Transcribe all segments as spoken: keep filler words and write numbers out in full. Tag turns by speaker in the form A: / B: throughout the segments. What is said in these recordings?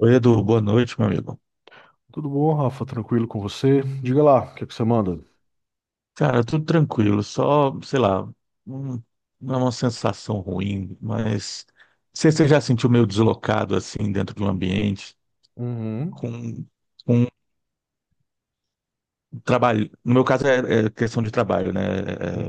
A: Oi, Edu, boa noite, meu amigo.
B: Tudo bom, Rafa? Tranquilo com você? Diga lá, o que é que você manda?
A: Cara, tudo tranquilo, só, sei lá, um- não é uma sensação ruim, mas você, você já sentiu meio deslocado assim dentro de um ambiente
B: Uhum,
A: com, com trabalho? No meu caso é, é questão de trabalho, né?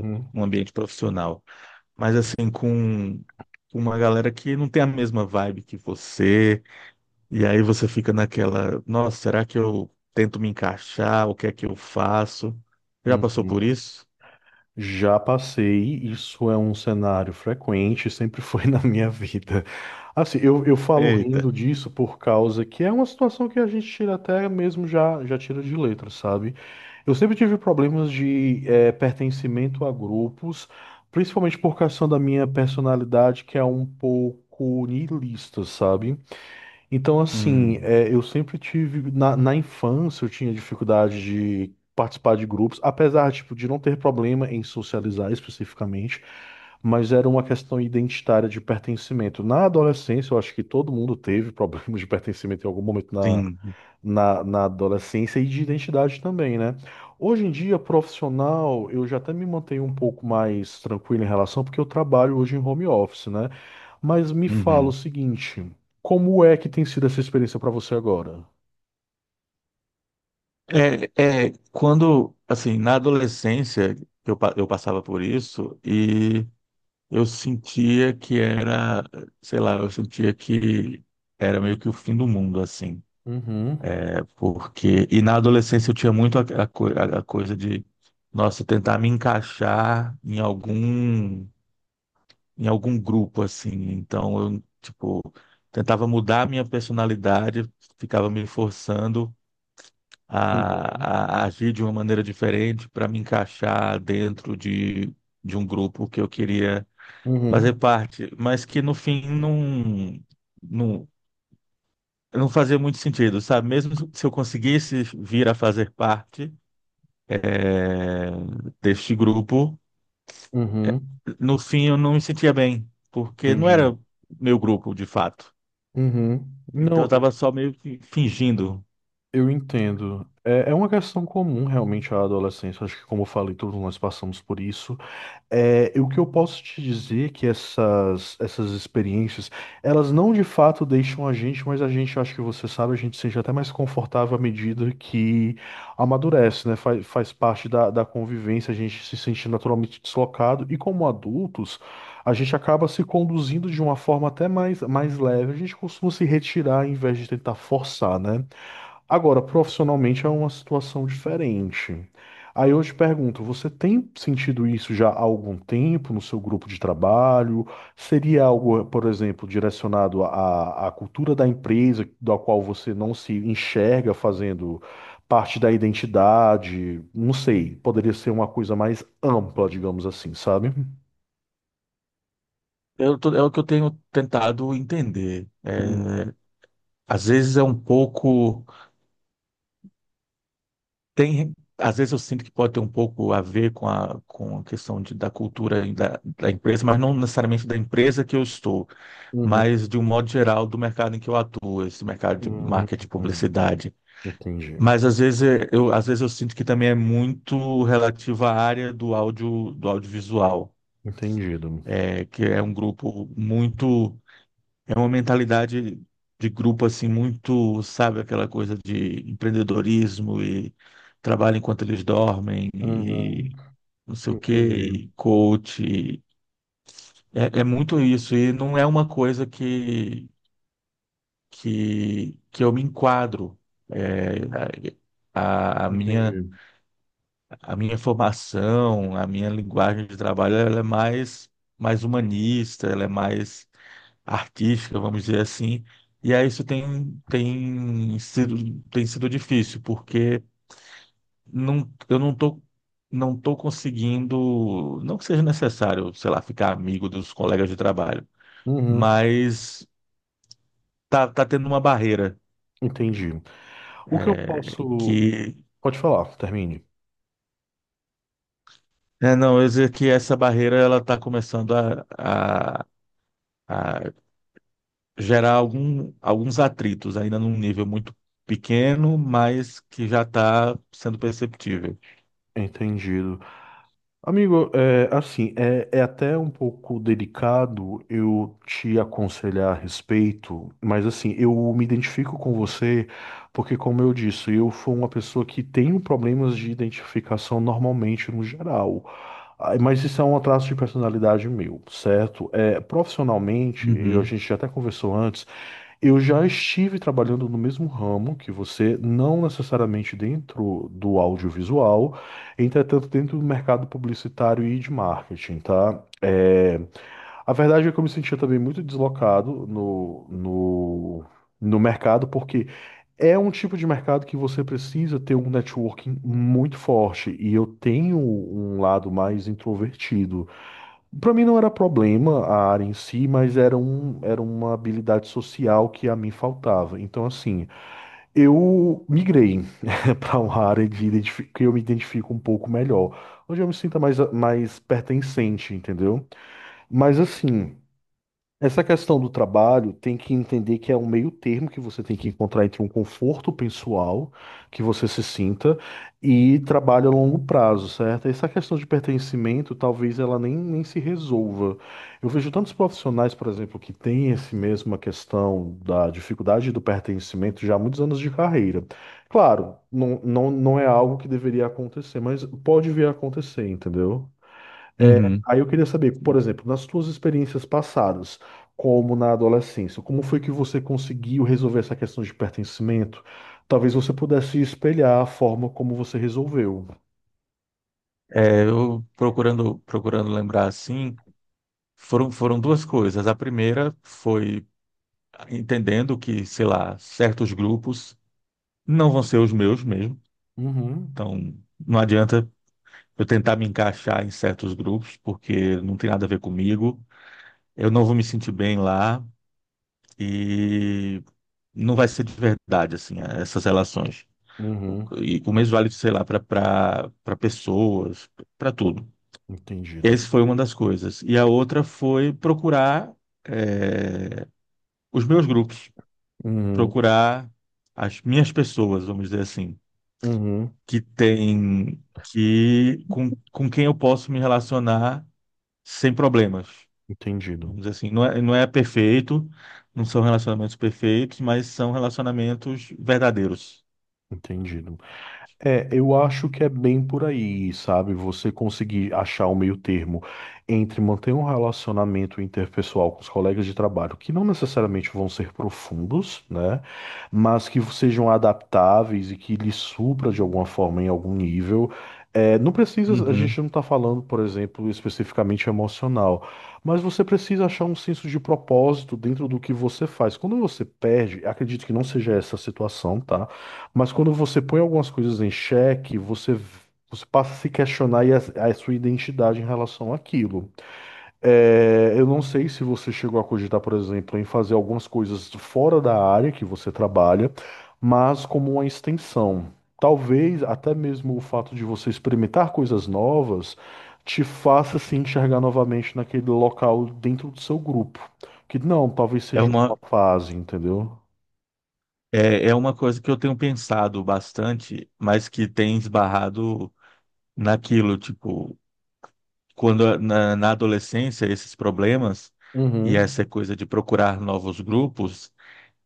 A: É é um ambiente profissional, mas assim, com com uma galera que não tem a mesma vibe que você, e aí você fica naquela, nossa, será que eu tento me encaixar? O que é que eu faço? Já passou por
B: uhum.
A: isso?
B: Já passei, isso é um cenário frequente, sempre foi na minha vida. Assim, eu, eu falo
A: Eita.
B: rindo disso por causa que é uma situação que a gente tira até mesmo já, já tira de letra, sabe? Eu sempre tive problemas de eh, pertencimento a grupos, principalmente por causa da minha personalidade, que é um pouco niilista, sabe? Então, assim,
A: Hum,
B: é, eu sempre tive, na, na infância, eu tinha dificuldade de participar de grupos, apesar, tipo, de não ter problema em socializar especificamente, mas era uma questão identitária de pertencimento. Na adolescência, eu acho que todo mundo teve problemas de pertencimento em algum momento
A: sim.
B: na, na adolescência e de identidade também, né? Hoje em dia, profissional, eu já até me mantenho um pouco mais tranquilo em relação, porque eu trabalho hoje em home office, né? Mas me fala o
A: Uhum.
B: seguinte, como é que tem sido essa experiência para você agora?
A: É, é, quando, assim, na adolescência, eu, pa- eu passava por isso e eu sentia que era, sei lá, eu sentia que era meio que o fim do mundo, assim,
B: Uhum,
A: é. Porque, e na adolescência eu tinha muito a, a co- a- a coisa de, nossa, tentar me encaixar em algum, em algum grupo, assim. Então, eu, tipo, tentava mudar a minha personalidade, ficava me forçando
B: uhum,
A: a, a agir de uma maneira diferente para me encaixar dentro de, de um grupo que eu queria fazer
B: uhum,
A: parte, mas que no fim não, não, não fazia muito sentido, sabe? Mesmo se eu conseguisse vir a fazer parte, eh, deste grupo,
B: uhum,
A: no fim eu não me sentia bem, porque não
B: entendi.
A: era meu grupo de fato.
B: Uhum.
A: Então eu
B: Não, eu
A: estava só meio que fingindo.
B: eu entendo. É, é uma questão comum realmente à adolescência. Acho que, como eu falei, todos nós passamos por isso. É, e o que eu posso te dizer é que essas, essas experiências, elas não de fato deixam a gente, mas a gente, eu acho que você sabe, a gente seja até mais confortável à medida que amadurece, né? Faz, faz parte da, da convivência, a gente se sente naturalmente deslocado, e como adultos, a gente acaba se conduzindo de uma forma até mais, mais leve, a gente costuma se retirar em vez de tentar forçar, né? Agora, profissionalmente é uma situação diferente. Aí eu te pergunto, você tem sentido isso já há algum tempo no seu grupo de trabalho? Seria algo, por exemplo, direcionado à, à cultura da empresa, da qual você não se enxerga fazendo parte da identidade? Não sei, poderia ser uma coisa mais ampla, digamos assim, sabe?
A: Eu tô- é o que eu tenho tentado entender.
B: Hum,
A: É, às vezes é um pouco. Tem, às vezes eu sinto que pode ter um pouco a ver com a, com a questão de, da cultura e da, da empresa, mas não necessariamente da empresa que eu estou,
B: Uhum,
A: mas de um modo geral do mercado em que eu atuo, esse mercado de
B: uhum,
A: marketing e
B: uhum.
A: publicidade.
B: Entendi.
A: Mas às vezes é- eu, às vezes eu sinto que também é muito relativo à área do áudio, do audiovisual,
B: Entendido.
A: é, que é um grupo muito, é uma mentalidade de grupo assim muito, sabe, aquela coisa de empreendedorismo e trabalho enquanto eles dormem
B: Uhum,
A: e não sei o quê,
B: entendi.
A: e coach. e- É, é muito isso e não é uma coisa que que, que eu me enquadro. É, a, a minha,
B: Entendi.
A: a minha formação, a minha linguagem de trabalho, ela é mais, mais humanista, ela é mais artística, vamos dizer assim. E aí isso tem, tem sido, tem sido difícil, porque não, eu não tô, não tô conseguindo, não que seja necessário, sei lá, ficar amigo dos colegas de trabalho,
B: Uhum.
A: mas tá, tá tendo uma barreira,
B: Entendi. O que eu
A: é,
B: posso.
A: que
B: Pode falar, termine.
A: é, não, eu ia dizer que essa barreira ela está começando a, a, a gerar algum, alguns atritos, ainda num nível muito pequeno, mas que já está sendo perceptível.
B: Entendido. Amigo, é, assim, é, é até um pouco delicado eu te aconselhar a respeito, mas assim, eu me identifico com você porque, como eu disse, eu fui uma pessoa que tenho problemas de identificação normalmente no geral. Ah, mas isso é um traço de personalidade meu, certo? É, profissionalmente, eu, a
A: Uhum,
B: gente já até conversou antes. Eu já estive trabalhando no mesmo ramo que você, não necessariamente dentro do audiovisual, entretanto dentro do mercado publicitário e de marketing, tá? É, a verdade é que eu me sentia também muito deslocado no, no, no mercado, porque é um tipo de mercado que você precisa ter um networking muito forte, e eu tenho um lado mais introvertido para mim não era problema a área em si, mas era, um, era uma habilidade social que a mim faltava. Então, assim, eu migrei para uma área de identifi- que eu me identifico um pouco melhor, onde eu me sinto mais, mais pertencente, entendeu? Mas, assim. Essa questão do trabalho tem que entender que é um meio termo que você tem que encontrar entre um conforto pessoal que você se sinta e trabalho a longo prazo, certo? Essa questão de pertencimento talvez ela nem, nem se resolva. Eu vejo tantos profissionais, por exemplo, que têm esse mesma questão da dificuldade do pertencimento já há muitos anos de carreira. Claro, não, não, não é algo que deveria acontecer, mas pode vir a acontecer, entendeu?
A: uhum.
B: Aí eu queria saber, por exemplo, nas suas experiências passadas, como na adolescência, como foi que você conseguiu resolver essa questão de pertencimento? Talvez você pudesse espelhar a forma como você resolveu.
A: É, eu procurando, procurando lembrar assim, foram, foram duas coisas. A primeira foi entendendo que, sei lá, certos grupos não vão ser os meus mesmo.
B: Uhum,
A: Então, não adianta eu tentar me encaixar em certos grupos, porque não tem nada a ver comigo. Eu não vou me sentir bem lá e não vai ser de verdade, assim, essas relações.
B: uhum,
A: E o mesmo vale, sei lá, para pessoas, para tudo.
B: entendido.
A: Essa foi uma das coisas. E a outra foi procurar eh, os meus grupos,
B: Uhum,
A: procurar as minhas pessoas, vamos dizer assim,
B: uhum,
A: que tem que com, com quem eu posso me relacionar sem problemas. Vamos
B: entendido,
A: dizer assim, não é, não é perfeito, não são relacionamentos perfeitos, mas são relacionamentos verdadeiros.
B: entendido. É, eu acho que é bem por aí, sabe? Você conseguir achar o meio termo entre manter um relacionamento interpessoal com os colegas de trabalho, que não necessariamente vão ser profundos, né? Mas que sejam adaptáveis e que lhe supra de alguma forma em algum nível. É, não precisa, a
A: Uhum.
B: gente não está falando, por exemplo, especificamente emocional, mas você precisa achar um senso de propósito dentro do que você faz. Quando você perde, acredito que não seja essa a situação, tá? Mas quando você põe algumas coisas em xeque, você, você passa a se questionar e a, a sua identidade em relação àquilo. É, eu não sei se você chegou a cogitar, por exemplo, em fazer algumas coisas fora da área que você trabalha, mas como uma extensão. Talvez até mesmo o fato de você experimentar coisas novas te faça se enxergar novamente naquele local dentro do seu grupo. Que não, talvez
A: É
B: seja uma
A: uma,
B: fase, entendeu?
A: é, é uma coisa que eu tenho pensado bastante, mas que tem esbarrado naquilo, tipo, quando na, na adolescência esses problemas e
B: Uhum,
A: essa coisa de procurar novos grupos,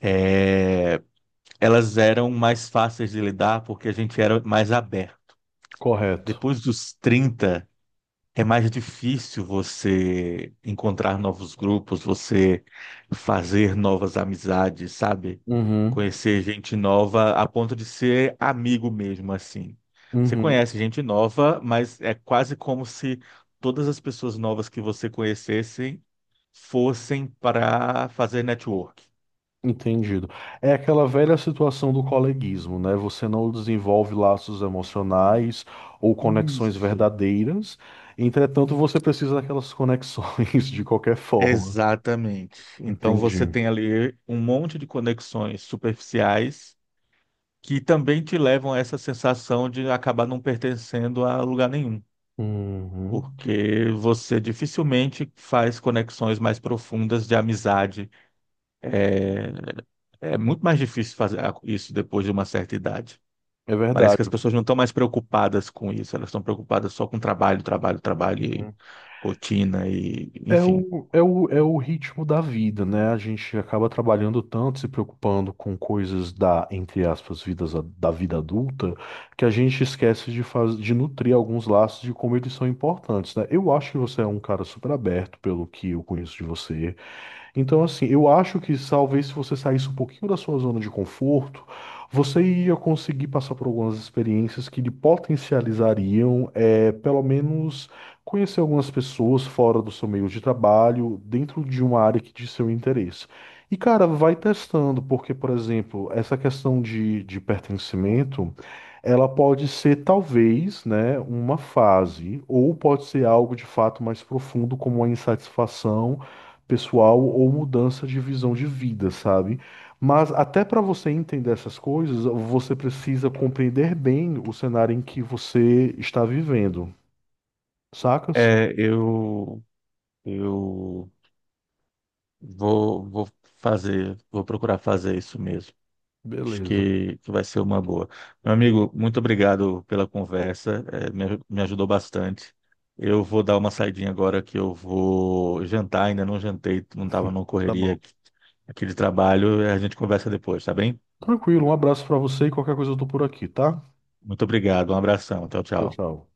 A: é, elas eram mais fáceis de lidar porque a gente era mais aberto.
B: correto.
A: Depois dos trinta é mais difícil você encontrar novos grupos, você fazer novas amizades, sabe?
B: Uhum.
A: Conhecer gente nova a ponto de ser amigo mesmo, assim. Você
B: Uhum,
A: conhece gente nova, mas é quase como se todas as pessoas novas que você conhecessem fossem para fazer network.
B: entendido. É aquela velha situação do coleguismo, né? Você não desenvolve laços emocionais ou conexões
A: Isso.
B: verdadeiras, entretanto, você precisa daquelas conexões de qualquer forma.
A: Exatamente. Então você
B: Entendi.
A: tem ali um monte de conexões superficiais que também te levam a essa sensação de acabar não pertencendo a lugar nenhum,
B: Uhum.
A: porque você dificilmente faz conexões mais profundas de amizade. É muito mais difícil fazer isso depois de uma certa idade.
B: É
A: Parece que as
B: verdade.
A: pessoas não estão mais preocupadas com isso, elas estão preocupadas só com trabalho, trabalho, trabalho, e
B: Uhum.
A: rotina e
B: É
A: enfim.
B: o, é o, é o ritmo da vida, né? A gente acaba trabalhando tanto, se preocupando com coisas da, entre aspas, vidas, a- da vida adulta, que a gente esquece de, faz, de nutrir alguns laços de como eles são importantes, né? Eu acho que você é um cara super aberto, pelo que eu conheço de você. Então, assim, eu acho que talvez se você saísse um pouquinho da sua zona de conforto, você ia conseguir passar por algumas experiências que lhe potencializariam, é, pelo menos, conhecer algumas pessoas fora do seu meio de trabalho, dentro de uma área que de seu interesse. E, cara, vai testando, porque, por exemplo, essa questão de, de pertencimento, ela pode ser, talvez, né, uma fase, ou pode ser algo de fato mais profundo, como a insatisfação pessoal ou mudança de visão de vida, sabe? Mas até para você entender essas coisas, você precisa compreender bem o cenário em que você está vivendo, sacas?
A: É, eu eu vou, vou fazer, vou procurar fazer isso mesmo. Acho
B: Beleza.
A: que, que vai ser uma boa. Meu amigo, muito obrigado pela conversa, eh, me, aju- me ajudou bastante. Eu vou dar uma saidinha agora que eu vou jantar, ainda não jantei, não estava numa
B: Tá
A: correria
B: bom.
A: aqui, aqui de trabalho, a gente conversa depois, tá bem?
B: Tranquilo, um abraço para você e qualquer coisa eu tô por aqui, tá?
A: Muito obrigado, um abração, tchau,
B: Tchau,
A: tchau.
B: tchau.